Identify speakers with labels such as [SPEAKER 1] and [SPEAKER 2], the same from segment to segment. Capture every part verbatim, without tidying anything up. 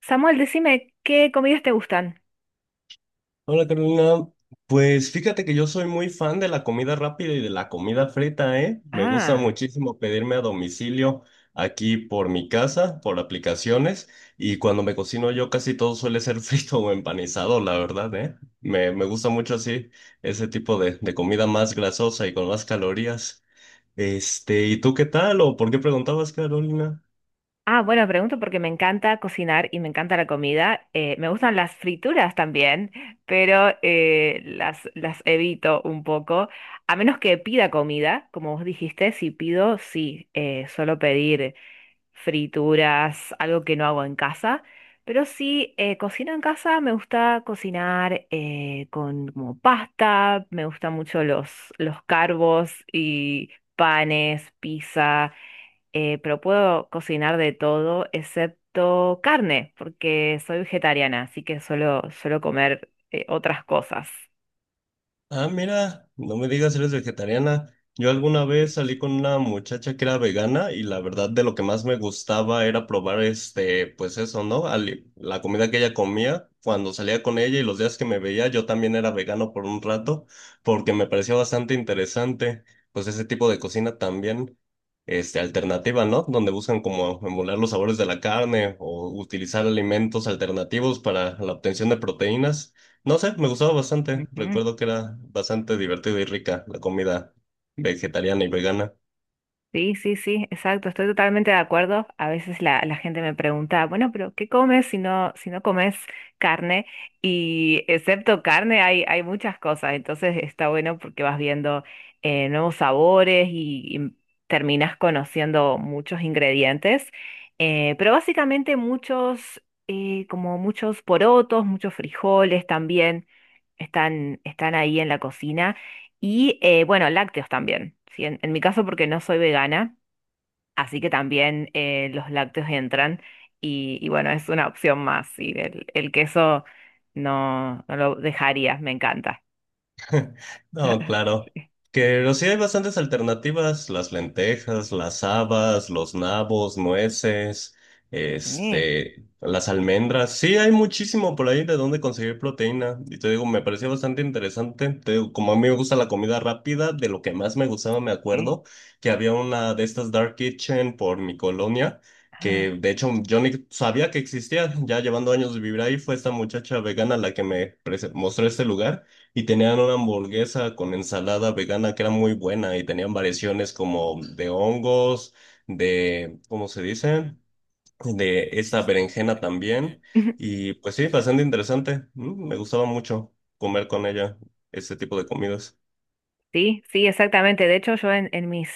[SPEAKER 1] Samuel, decime, ¿qué comidas te gustan?
[SPEAKER 2] Hola Carolina, pues fíjate que yo soy muy fan de la comida rápida y de la comida frita, ¿eh? Me gusta
[SPEAKER 1] Ah.
[SPEAKER 2] muchísimo pedirme a domicilio aquí por mi casa, por aplicaciones, y cuando me cocino yo casi todo suele ser frito o empanizado, la verdad, ¿eh? Me, me gusta mucho así ese tipo de, de comida más grasosa y con más calorías. Este, ¿y tú qué tal? ¿O por qué preguntabas, Carolina?
[SPEAKER 1] Ah, bueno, pregunto porque me encanta cocinar y me encanta la comida. Eh, me gustan las frituras también, pero eh, las, las evito un poco. A menos que pida comida, como vos dijiste, si pido, sí, eh, suelo pedir frituras, algo que no hago en casa. Pero sí, eh, cocino en casa, me gusta cocinar eh, con como pasta, me gustan mucho los, los carbos y panes, pizza, eh, pero puedo cocinar de todo excepto carne, porque soy vegetariana, así que suelo, suelo comer eh, otras cosas.
[SPEAKER 2] Ah, mira, no me digas, eres vegetariana. Yo alguna vez salí con una muchacha que era vegana y la verdad de lo que más me gustaba era probar este, pues eso, ¿no? Ali- la comida que ella comía cuando salía con ella y los días que me veía, yo también era vegano por un rato porque me pareció bastante interesante, pues ese tipo de cocina también, este, alternativa, ¿no? Donde buscan como emular los sabores de la carne o utilizar alimentos alternativos para la obtención de proteínas. No sé, me gustaba bastante.
[SPEAKER 1] Ujú.
[SPEAKER 2] Recuerdo que era bastante divertida y rica la comida vegetariana y vegana.
[SPEAKER 1] Sí, sí, sí, exacto, estoy totalmente de acuerdo. A veces la, la gente me pregunta, bueno, pero ¿qué comes si no, si no comes carne? Y excepto carne hay, hay muchas cosas, entonces está bueno porque vas viendo eh, nuevos sabores y, y terminas conociendo muchos ingredientes. Eh, pero básicamente muchos, eh, como muchos porotos, muchos frijoles también están, están ahí en la cocina. Y eh, bueno, lácteos también, ¿sí? En, en mi caso porque no soy vegana, así que también eh, los lácteos entran y, y bueno, es una opción más. Y el, el queso no, no lo dejaría, me encanta.
[SPEAKER 2] No, claro. Que pero sí hay bastantes alternativas, las lentejas, las habas, los nabos, nueces,
[SPEAKER 1] Sí,
[SPEAKER 2] este, las almendras. Sí, hay muchísimo por ahí de dónde conseguir proteína. Y te digo, me pareció bastante interesante. Te digo, como a mí me gusta la comida rápida, de lo que más me gustaba me
[SPEAKER 1] sí.
[SPEAKER 2] acuerdo que había una de estas dark kitchen por mi colonia,
[SPEAKER 1] Ah.
[SPEAKER 2] que de hecho yo ni sabía que existía, ya llevando años de vivir ahí, fue esta muchacha vegana la que me prese- mostró este lugar y tenían una hamburguesa con ensalada vegana que era muy buena y tenían variaciones como de hongos, de, ¿cómo se dice? De esta berenjena también. Y pues sí, bastante interesante. Mm, Me gustaba mucho comer con ella ese tipo de comidas.
[SPEAKER 1] Sí, sí, exactamente. De hecho, yo en, en mis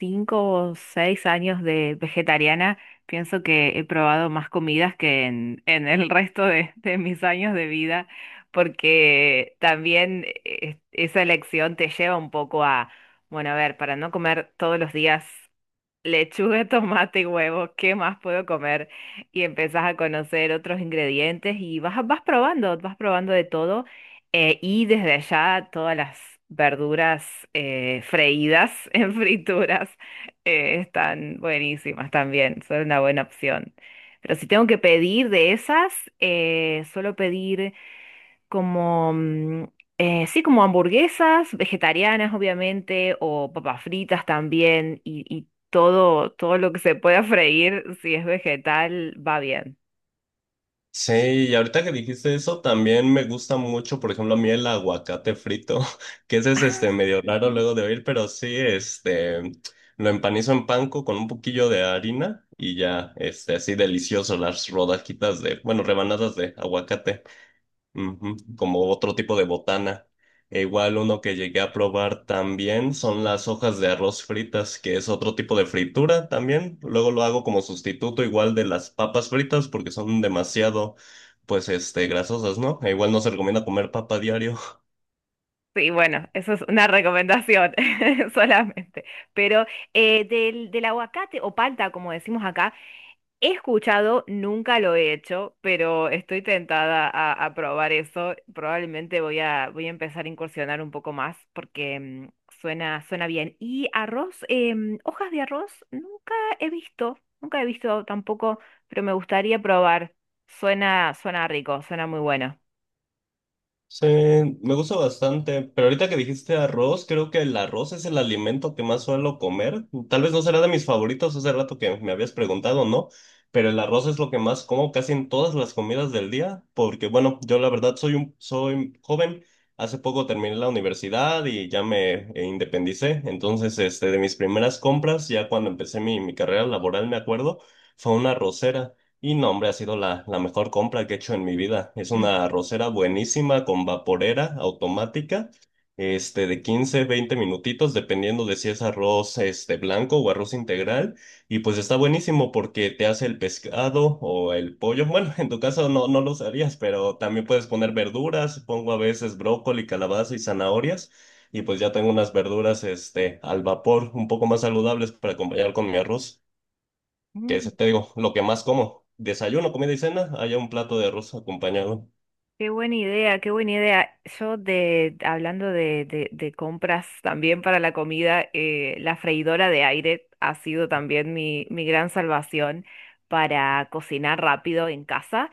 [SPEAKER 1] cinco o seis años de vegetariana pienso que he probado más comidas que en, en el resto de, de mis años de vida, porque también eh, esa elección te lleva un poco a, bueno, a ver, para no comer todos los días. Lechuga, tomate y huevo, ¿qué más puedo comer? Y empezás a conocer otros ingredientes y vas, vas probando, vas probando de todo. Eh, y desde allá todas las verduras eh, freídas en frituras eh, están buenísimas también, son una buena opción. Pero si tengo que pedir de esas, eh, suelo pedir como, mm, eh, sí, como hamburguesas vegetarianas, obviamente, o papas fritas también, y, y todo, todo lo que se pueda freír, si es vegetal, va bien.
[SPEAKER 2] Sí, y ahorita que dijiste eso, también me gusta mucho, por ejemplo, a mí el aguacate frito, que ese es
[SPEAKER 1] Ah.
[SPEAKER 2] este medio raro luego de oír, pero sí, este, lo empanizo en panko con un poquillo de harina y ya, este, así delicioso las rodajitas de, bueno, rebanadas de aguacate. Ujú. Como otro tipo de botana. E igual uno que llegué a probar también son las hojas de arroz fritas, que es otro tipo de fritura también. Luego lo hago como sustituto igual de las papas fritas porque son demasiado, pues, este, grasosas, ¿no? E igual no se recomienda comer papa diario.
[SPEAKER 1] Sí, bueno, eso es una recomendación solamente. Pero eh, del, del aguacate o palta, como decimos acá, he escuchado, nunca lo he hecho, pero estoy tentada a, a probar eso. Probablemente voy a, voy a empezar a incursionar un poco más porque mm, suena, suena bien. Y arroz, em, hojas de arroz, nunca he visto, nunca he visto tampoco, pero me gustaría probar. Suena, suena rico, suena muy bueno.
[SPEAKER 2] Sí, me gusta bastante, pero ahorita que dijiste arroz, creo que el arroz es el alimento que más suelo comer. Tal vez no será de mis favoritos, hace rato que me habías preguntado, ¿no? Pero el arroz es lo que más como casi en todas las comidas del día, porque bueno, yo la verdad soy un, soy joven, hace poco terminé la universidad y ya me eh, independicé, entonces este, de mis primeras compras, ya cuando empecé mi, mi carrera laboral, me acuerdo, fue una arrocera. Y no, hombre, ha sido la, la mejor compra que he hecho en mi vida. Es una arrocera buenísima con vaporera automática, este, de quince veinte minutitos, dependiendo de si es arroz, este, blanco o arroz integral. Y pues está buenísimo porque te hace el pescado o el pollo. Bueno, en tu caso no, no lo usarías, pero también puedes poner verduras. Pongo a veces brócoli, calabaza y zanahorias. Y pues ya tengo unas verduras, este, al vapor, un poco más saludables para acompañar con mi arroz que es, te digo, lo que más como. Desayuno, comida y cena, haya un plato de arroz acompañado.
[SPEAKER 1] Qué buena idea, qué buena idea. Yo de, hablando de, de- de compras también para la comida, eh, la freidora de aire ha sido también mi, mi gran salvación para cocinar rápido en casa.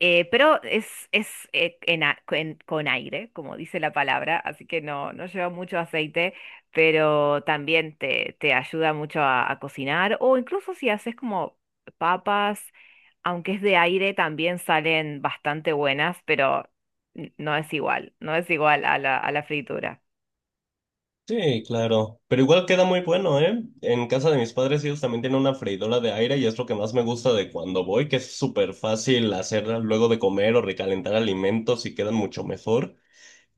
[SPEAKER 1] Eh, pero es, es eh, en a- en- con aire, como dice la palabra, así que no, no lleva mucho aceite, pero también te, te ayuda mucho a, a cocinar o incluso si haces como papas, aunque es de aire, también salen bastante buenas, pero n- no es igual, no es igual a la, a la fritura.
[SPEAKER 2] Sí, claro. Pero igual queda muy bueno, ¿eh? En casa de mis padres ellos también tienen una freidora de aire y es lo que más me gusta de cuando voy, que es súper fácil hacerla luego de comer o recalentar alimentos y quedan mucho mejor.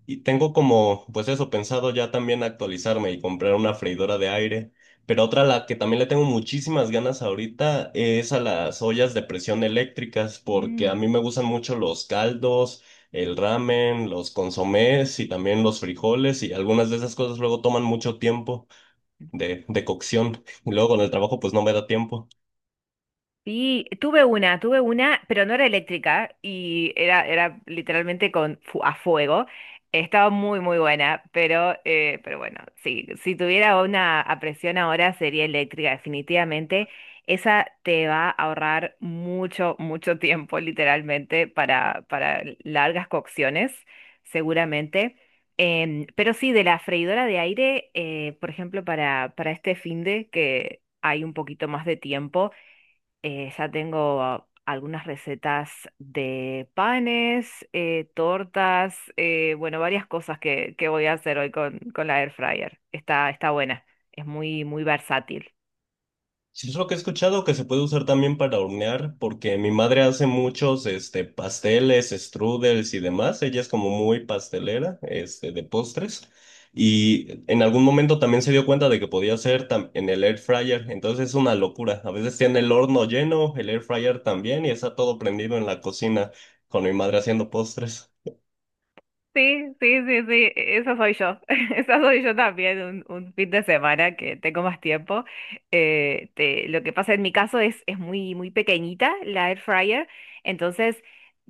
[SPEAKER 2] Y tengo como, pues eso, pensado ya también actualizarme y comprar una freidora de aire. Pero otra a la que también le tengo muchísimas ganas ahorita es a las ollas de presión eléctricas, porque a
[SPEAKER 1] Mm.
[SPEAKER 2] mí me gustan mucho los caldos, el ramen, los consomés y también los frijoles y algunas de esas cosas luego toman mucho tiempo de, de cocción. Y luego con el trabajo pues no me da tiempo.
[SPEAKER 1] Sí, tuve una, tuve una, pero no era eléctrica y era, era literalmente con, fu- a fuego. Estaba muy, muy buena, pero, eh, pero bueno, sí, si tuviera una a presión ahora sería eléctrica, definitivamente. Esa te va a ahorrar mucho, mucho tiempo, literalmente, para, para largas cocciones, seguramente. Em, pero sí, de la freidora de aire, eh, por ejemplo, para, para este finde que hay un poquito más de tiempo. Eh, ya tengo ah, algunas recetas de panes, eh, tortas, eh, bueno, varias cosas que, que voy a hacer hoy con, con la air fryer. Está, está buena, es muy, muy versátil.
[SPEAKER 2] Sí, es lo que he escuchado que se puede usar también para hornear, porque mi madre hace muchos este, pasteles, strudels y demás. Ella es como muy pastelera este, de postres. Y en algún momento también se dio cuenta de que podía hacer tam- en el air fryer. Entonces es una locura. A veces tiene el horno lleno, el air fryer también, y está todo prendido en la cocina con mi madre haciendo postres.
[SPEAKER 1] Sí, sí, sí, sí, eso soy yo. Eso soy yo también, un, un fin de semana que tengo más tiempo. Eh, te- lo que pasa en mi caso es, es muy, muy pequeñita la air fryer, entonces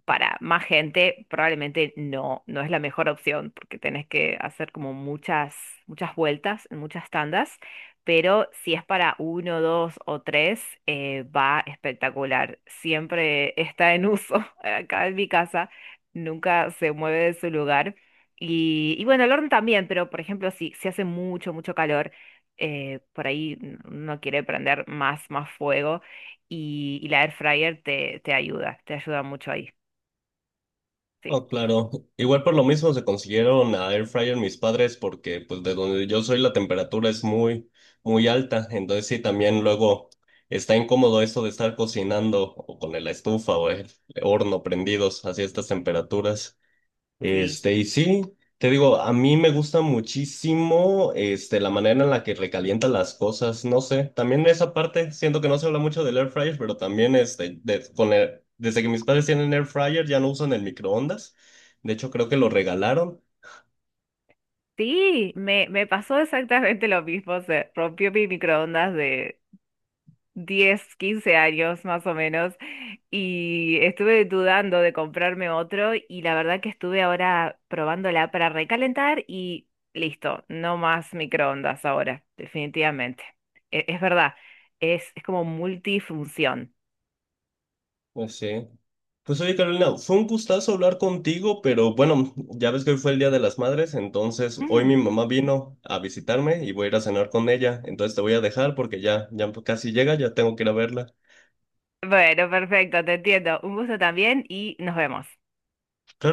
[SPEAKER 1] para más gente probablemente no, no es la mejor opción porque tenés que hacer como muchas, muchas vueltas, en muchas tandas, pero si es para uno, dos o tres, eh, va espectacular. Siempre está en uso acá en mi casa, nunca se mueve de su lugar. Y, y bueno, el horno también, pero por ejemplo, si, si hace mucho, mucho calor, eh, por ahí n- uno quiere prender más, más fuego y, y la air fryer te, te ayuda, te ayuda mucho ahí. Sí,
[SPEAKER 2] Oh, claro. Igual por lo mismo se consiguieron a air fryer mis padres porque pues de donde yo soy la temperatura es muy muy alta, entonces sí también luego está incómodo eso de estar cocinando o con la estufa o el horno prendidos así a estas temperaturas.
[SPEAKER 1] sí,
[SPEAKER 2] Este, y sí, te digo, a mí me gusta muchísimo, este, la manera en la que recalienta las cosas, no sé, también esa parte, siento que no se habla mucho del air fryer, pero también, este, de- con el- desde que mis padres tienen air fryer ya no usan el microondas, de hecho creo que lo regalaron,
[SPEAKER 1] sí, me, me pasó exactamente lo mismo. Se rompió mi microondas de diez, quince años más o menos y estuve dudando de comprarme otro y la verdad que estuve ahora probándola para recalentar y listo, no más microondas ahora, definitivamente. E- Es, verdad, es, es como multifunción.
[SPEAKER 2] pues sí. Pues oye, Carolina, fue un gustazo hablar contigo, pero bueno, ya ves que hoy fue el Día de las Madres, entonces hoy mi
[SPEAKER 1] Mm.
[SPEAKER 2] mamá vino a visitarme y voy a ir a cenar con ella, entonces te voy a dejar porque ya, ya casi llega, ya tengo que ir a verla.
[SPEAKER 1] Bueno, perfecto, te entiendo. Un gusto también y nos vemos.
[SPEAKER 2] Claro.